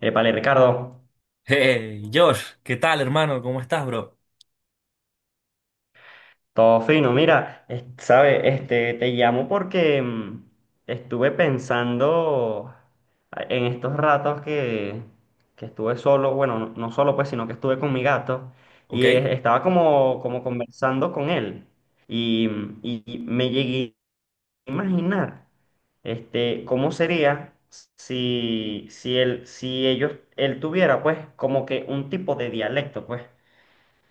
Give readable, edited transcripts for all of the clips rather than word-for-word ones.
Épale, Ricardo, Hey, Josh, ¿qué tal, hermano? ¿Cómo estás, bro? todo fino. Mira, este, te llamo porque estuve pensando en estos ratos que estuve solo, bueno, no, no solo pues, sino que estuve con mi gato ¿Ok? y estaba como conversando con él y y me llegué a imaginar, este, cómo sería si él, si ellos, él tuviera pues como que un tipo de dialecto, pues.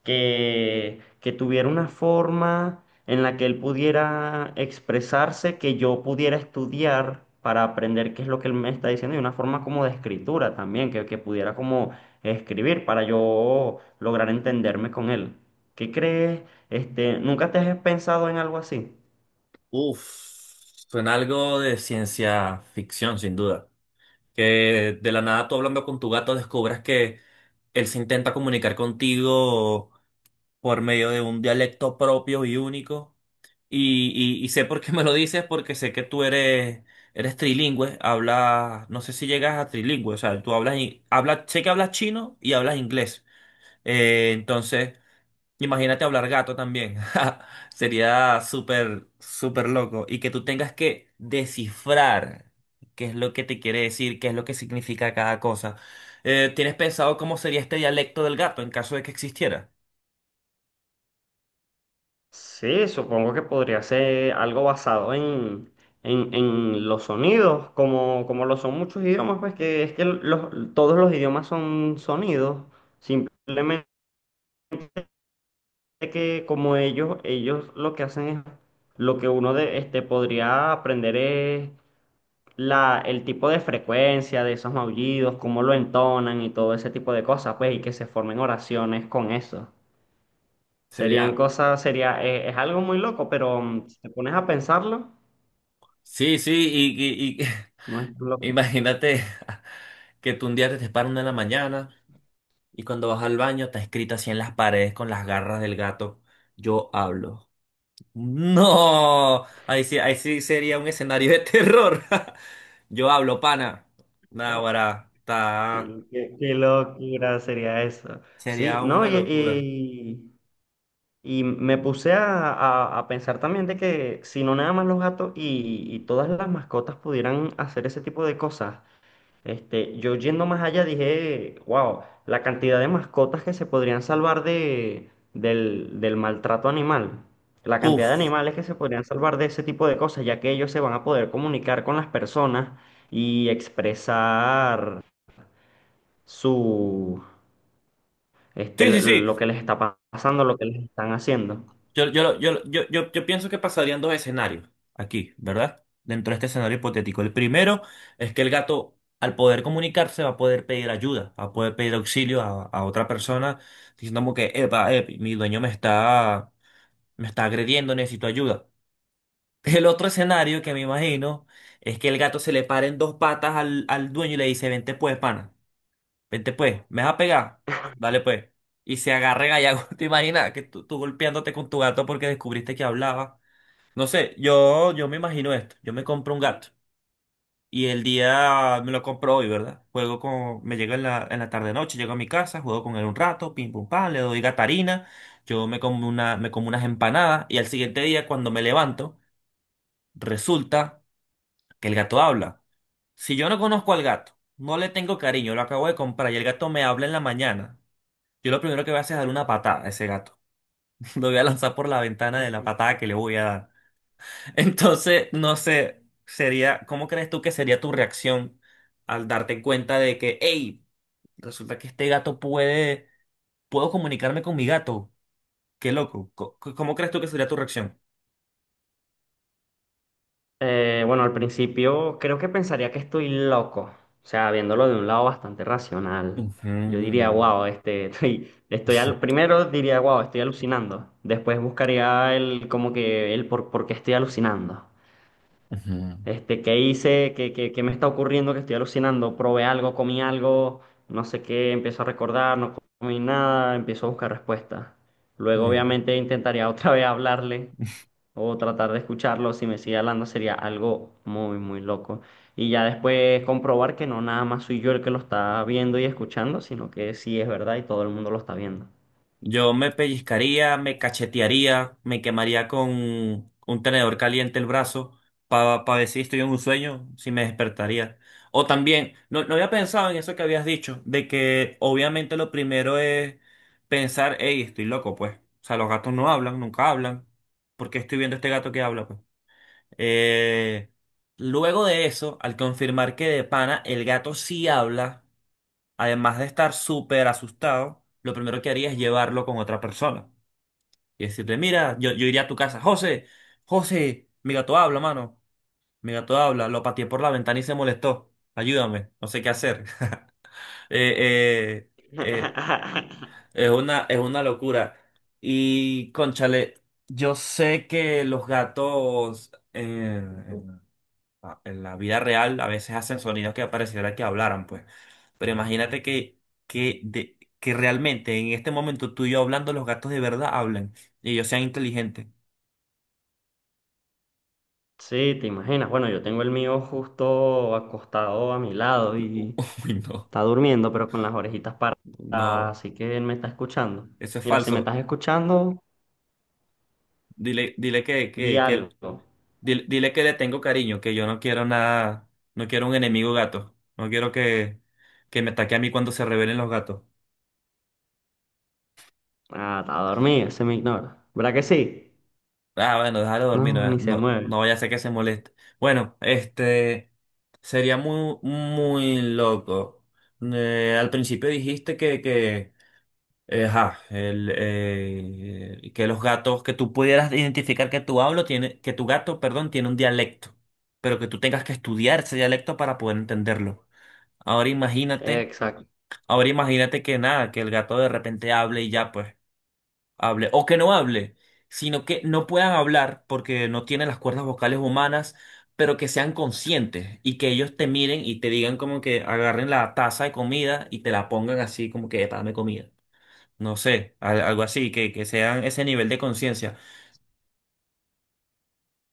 Que tuviera una forma en la que él pudiera expresarse, que yo pudiera estudiar para aprender qué es lo que él me está diciendo y una forma como de escritura también, que pudiera como escribir para yo lograr entenderme con él. ¿Qué crees? Este, ¿nunca te has pensado en algo así? Uf, Suena algo de ciencia ficción, sin duda. Que de la nada tú hablando con tu gato descubras que él se intenta comunicar contigo por medio de un dialecto propio y único. Y sé por qué me lo dices, porque sé que tú eres, eres trilingüe, hablas, no sé si llegas a trilingüe, o sea, tú hablas, hablas, sé que hablas chino y hablas inglés. Entonces... Imagínate hablar gato también. Sería súper, súper loco. Y que tú tengas que descifrar qué es lo que te quiere decir, qué es lo que significa cada cosa. ¿Tienes pensado cómo sería este dialecto del gato en caso de que existiera? Sí, supongo que podría ser algo basado en los sonidos, como, como lo son muchos idiomas, pues que es que los, todos los idiomas son sonidos, simplemente que como ellos lo que hacen es, lo que uno de, este, podría aprender es la, el tipo de frecuencia de esos maullidos, cómo lo entonan y todo ese tipo de cosas, pues, y que se formen oraciones con eso. Serían Sería, cosas, sería, es algo muy loco, pero si te pones a pensarlo. sí, sí, y- No es tan loco. Imagínate que tú un día te despiertas 1 de la mañana y cuando vas al baño está escrito así en las paredes con las garras del gato, yo hablo. No, ahí sí sería un escenario de terror. Yo hablo, pana. Naguará, Qué, ta- qué locura sería eso. Sí, Sería no, una locura. Y me puse a pensar también de que si no nada más los gatos y todas las mascotas pudieran hacer ese tipo de cosas, este, yo yendo más allá dije, wow, la cantidad de mascotas que se podrían salvar del maltrato animal, la cantidad de Uf. animales que se podrían salvar de ese tipo de cosas, ya que ellos se van a poder comunicar con las personas y expresar su, este, Sí, lo sí, sí. lo que les está pasando, lo que les están haciendo. Yo pienso que pasarían 2 escenarios aquí, ¿verdad? Dentro de este escenario hipotético. El primero es que el gato, al poder comunicarse, va a poder pedir ayuda, va a poder pedir auxilio a otra persona, diciendo como que, epa, mi dueño me está agrediendo, necesito ayuda. El otro escenario que me imagino es que el gato se le pare en 2 patas al, al dueño y le dice, vente pues, pana, vente pues, ¿me vas a pegar? Dale pues. Y se agarra gallago. ¿Te imaginas que tú golpeándote con tu gato porque descubriste que hablaba? No sé, yo me imagino esto. Yo me compro un gato y el día me lo compro hoy, ¿verdad? Juego con, me llega en en la tarde noche, llego a mi casa, juego con él un rato, pim pum pam, le doy gatarina, yo me como una, me como unas empanadas y al siguiente día cuando me levanto, resulta que el gato habla. Si yo no conozco al gato, no le tengo cariño, lo acabo de comprar y el gato me habla en la mañana, yo lo primero que voy a hacer es darle una patada a ese gato. Lo voy a lanzar por la ventana de la Ujú. patada que le voy a dar. No sé, sería, ¿cómo crees tú que sería tu reacción al darte cuenta de que, hey, resulta que este gato puede, puedo comunicarme con mi gato? Qué loco. ¿Cómo crees tú que sería tu reacción? Bueno, al principio creo que pensaría que estoy loco, o sea, viéndolo de un lado bastante racional. Ujú, Yo diría, wow, este, primero diría, wow, estoy alucinando. Después buscaría el, como que el por qué estoy alucinando. ujú, Este, ¿qué hice? ¿Qué, qué me está ocurriendo? Que estoy alucinando. Probé algo, comí algo, no sé qué, empiezo a recordar, no comí nada, empiezo a buscar respuestas. Luego, ujú. obviamente, intentaría otra vez hablarle o tratar de escucharlo. Si me sigue hablando, sería algo muy, muy loco. Y ya después comprobar que no nada más soy yo el que lo está viendo y escuchando, sino que sí es verdad y todo el mundo lo está viendo. Yo me pellizcaría, me cachetearía, me quemaría con un tenedor caliente el brazo para ver si estoy en un sueño, si me despertaría. O también, no, no había pensado en eso que habías dicho, de que obviamente lo primero es pensar, hey, estoy loco, pues. O sea, los gatos no hablan, nunca hablan. ¿Por qué estoy viendo este gato que habla, pues? Eh, Luego de eso, al confirmar que de pana el gato sí habla además de estar súper asustado, lo primero que haría es llevarlo con otra persona y decirle, mira, yo iría a tu casa, José, José, mi gato habla, mano, mi gato habla, lo pateé por la ventana y se molestó, ayúdame, no sé qué hacer. Eh, eh, eh, es una, es una locura. Y, cónchale, yo sé que los gatos... a- en la vida real a veces hacen sonidos que pareciera que hablaran, pues. Pero imagínate que realmente en este momento tú y yo hablando, los gatos de verdad hablan y ellos sean inteligentes. Sí, te imaginas. Bueno, yo tengo el mío justo acostado a mi lado y Uy, no, está durmiendo, pero con las orejitas paradas, no, así que él me está escuchando. eso es Mira, si me falso. estás escuchando, Dile, di algo. dile, dile que le tengo cariño, que yo no quiero nada, no quiero un enemigo gato. No quiero que me ataque a mí cuando se rebelen los gatos. Ah, está dormido, se me ignora. ¿Verdad que sí? Ah, bueno, déjalo dormir, No, no, ni se no, mueve. no vaya a ser que se moleste. Bueno, este sería muy, muy loco. Al principio dijiste que los gatos, que tú pudieras identificar que tu hablo tiene, que tu gato, perdón, tiene un dialecto, pero que tú tengas que estudiar ese dialecto para poder entenderlo. Ahora imagínate, Exacto. ahora imagínate que nada, que el gato de repente hable y ya, pues hable o que no hable, sino que no puedan hablar porque no tienen las cuerdas vocales humanas, pero que sean conscientes y que ellos te miren y te digan como que agarren la taza de comida y te la pongan así como que "Epa, dame comida. No sé, algo así, que sean ese nivel de conciencia,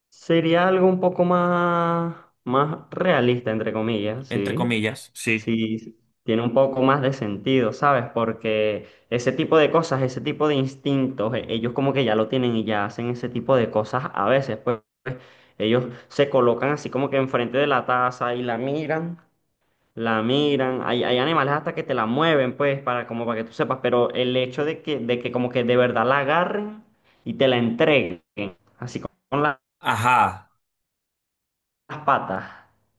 Sería algo un poco más, más realista, entre comillas, entre ¿sí? comillas. Sí. Sí, tiene un poco más de sentido, ¿sabes? Porque ese tipo de cosas, ese tipo de instintos, ellos como que ya lo tienen y ya hacen ese tipo de cosas a veces, pues. Ellos se colocan así como que enfrente de la taza y la miran. Hay animales hasta que te la mueven, pues, para, como para que tú sepas, pero el hecho de de que como que de verdad la agarren y te la entreguen, así con, Ajá. las patas,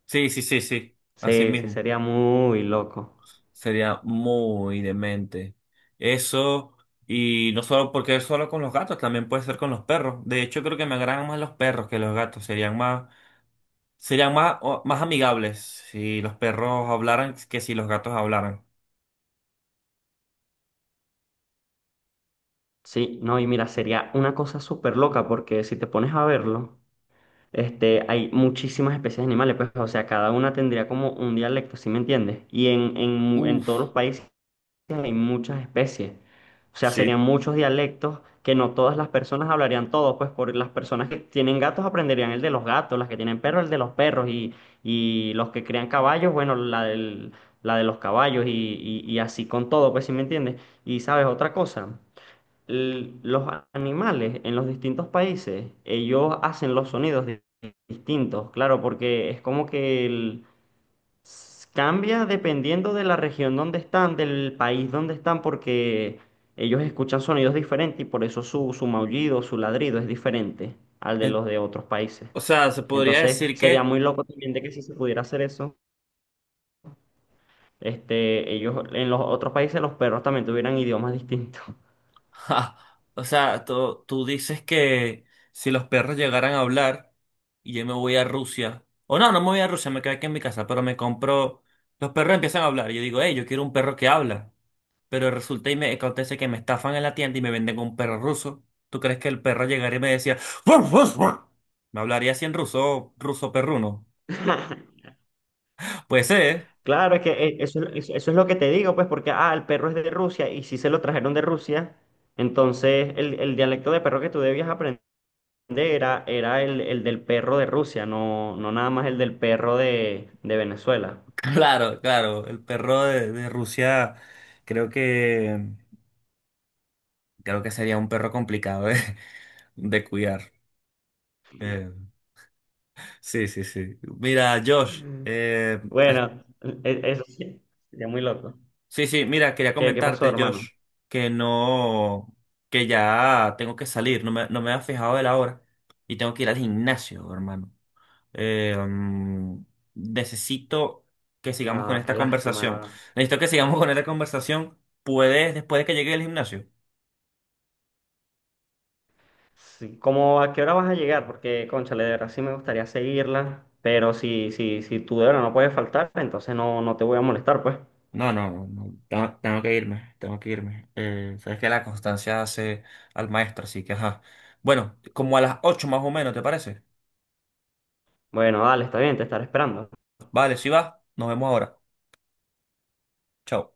Sí, sí, sí, sí. Así sí, sí, mismo. sería muy loco. Sería muy demente. Eso, y no solo porque es solo con los gatos, también puede ser con los perros. De hecho, creo que me agradan más los perros que los gatos. Serían más, más amigables si los perros hablaran que si los gatos hablaran. Sí, no, y mira, sería una cosa súper loca porque si te pones a verlo, este, hay muchísimas especies de animales, pues, o sea, cada una tendría como un dialecto, ¿sí me entiendes? Y en todos los Uf, países hay muchas especies. O sea, serían sí. muchos dialectos que no todas las personas hablarían todos, pues por las personas que tienen gatos aprenderían el de los gatos, las que tienen perros el de los perros y los que crean caballos, bueno, la de los caballos y, y así con todo, pues si me entiendes. Y sabes otra cosa, los animales en los distintos países, ellos hacen los sonidos distintos, claro, porque es como que cambia dependiendo de la región donde están, del país donde están, porque ellos escuchan sonidos diferentes y por eso su, su maullido, su ladrido es diferente al de En- los de otros países. O sea, se podría Entonces decir sería que muy loco también de que si se pudiera hacer eso, este, ellos en los otros países los perros también tuvieran idiomas distintos. ja, o sea, tú dices que si los perros llegaran a hablar y yo me voy a Rusia, o no, no me voy a Rusia, me quedo aquí en mi casa, pero me compro, los perros empiezan a hablar y yo digo, hey, yo quiero un perro que habla, pero resulta y me acontece que me estafan en la tienda y me venden un perro ruso. ¿Tú crees que el perro llegaría y me decía, "Ruff, ruff, ruff"? ¿Me hablaría así en ruso, ruso perruno? Pues ser, ¿eh? Claro, es que eso, eso es lo que te digo, pues, porque, ah, el perro es de Rusia y si se lo trajeron de Rusia, entonces el dialecto de perro que tú debías aprender era el del perro de Rusia, no, no nada más el del perro de Venezuela. Claro, claro, el perro de Rusia creo que, creo que sería un perro complicado, ¿eh? De cuidar. Eh, sí, sí, sí. Mira, Josh, Mm. Bueno, eso sí, sería muy loco. sí, sí, mira, quería ¿Qué, pasó, comentarte, Josh, hermano? que no, que ya tengo que salir, no me, no me había fijado de la hora y tengo que ir al gimnasio, hermano. Eh, mm, Necesito que sigamos con No, esta qué conversación. lástima. Necesito que sigamos con esta conversación. ¿Puedes, después de que llegue al gimnasio? Sí, ¿cómo a qué hora vas a llegar? Porque, cónchale, de verdad sí me gustaría seguirla, pero si tú de verdad no puedes faltar, entonces no, no te voy a molestar, pues. No, no, no, no, tengo, tengo que irme, tengo que irme. Sabes que la constancia hace al maestro, así que ajá. Bueno, como a las 8 más o menos, ¿te parece? Bueno, dale, está bien, te estaré esperando. Vale, si va, nos vemos ahora. Chao.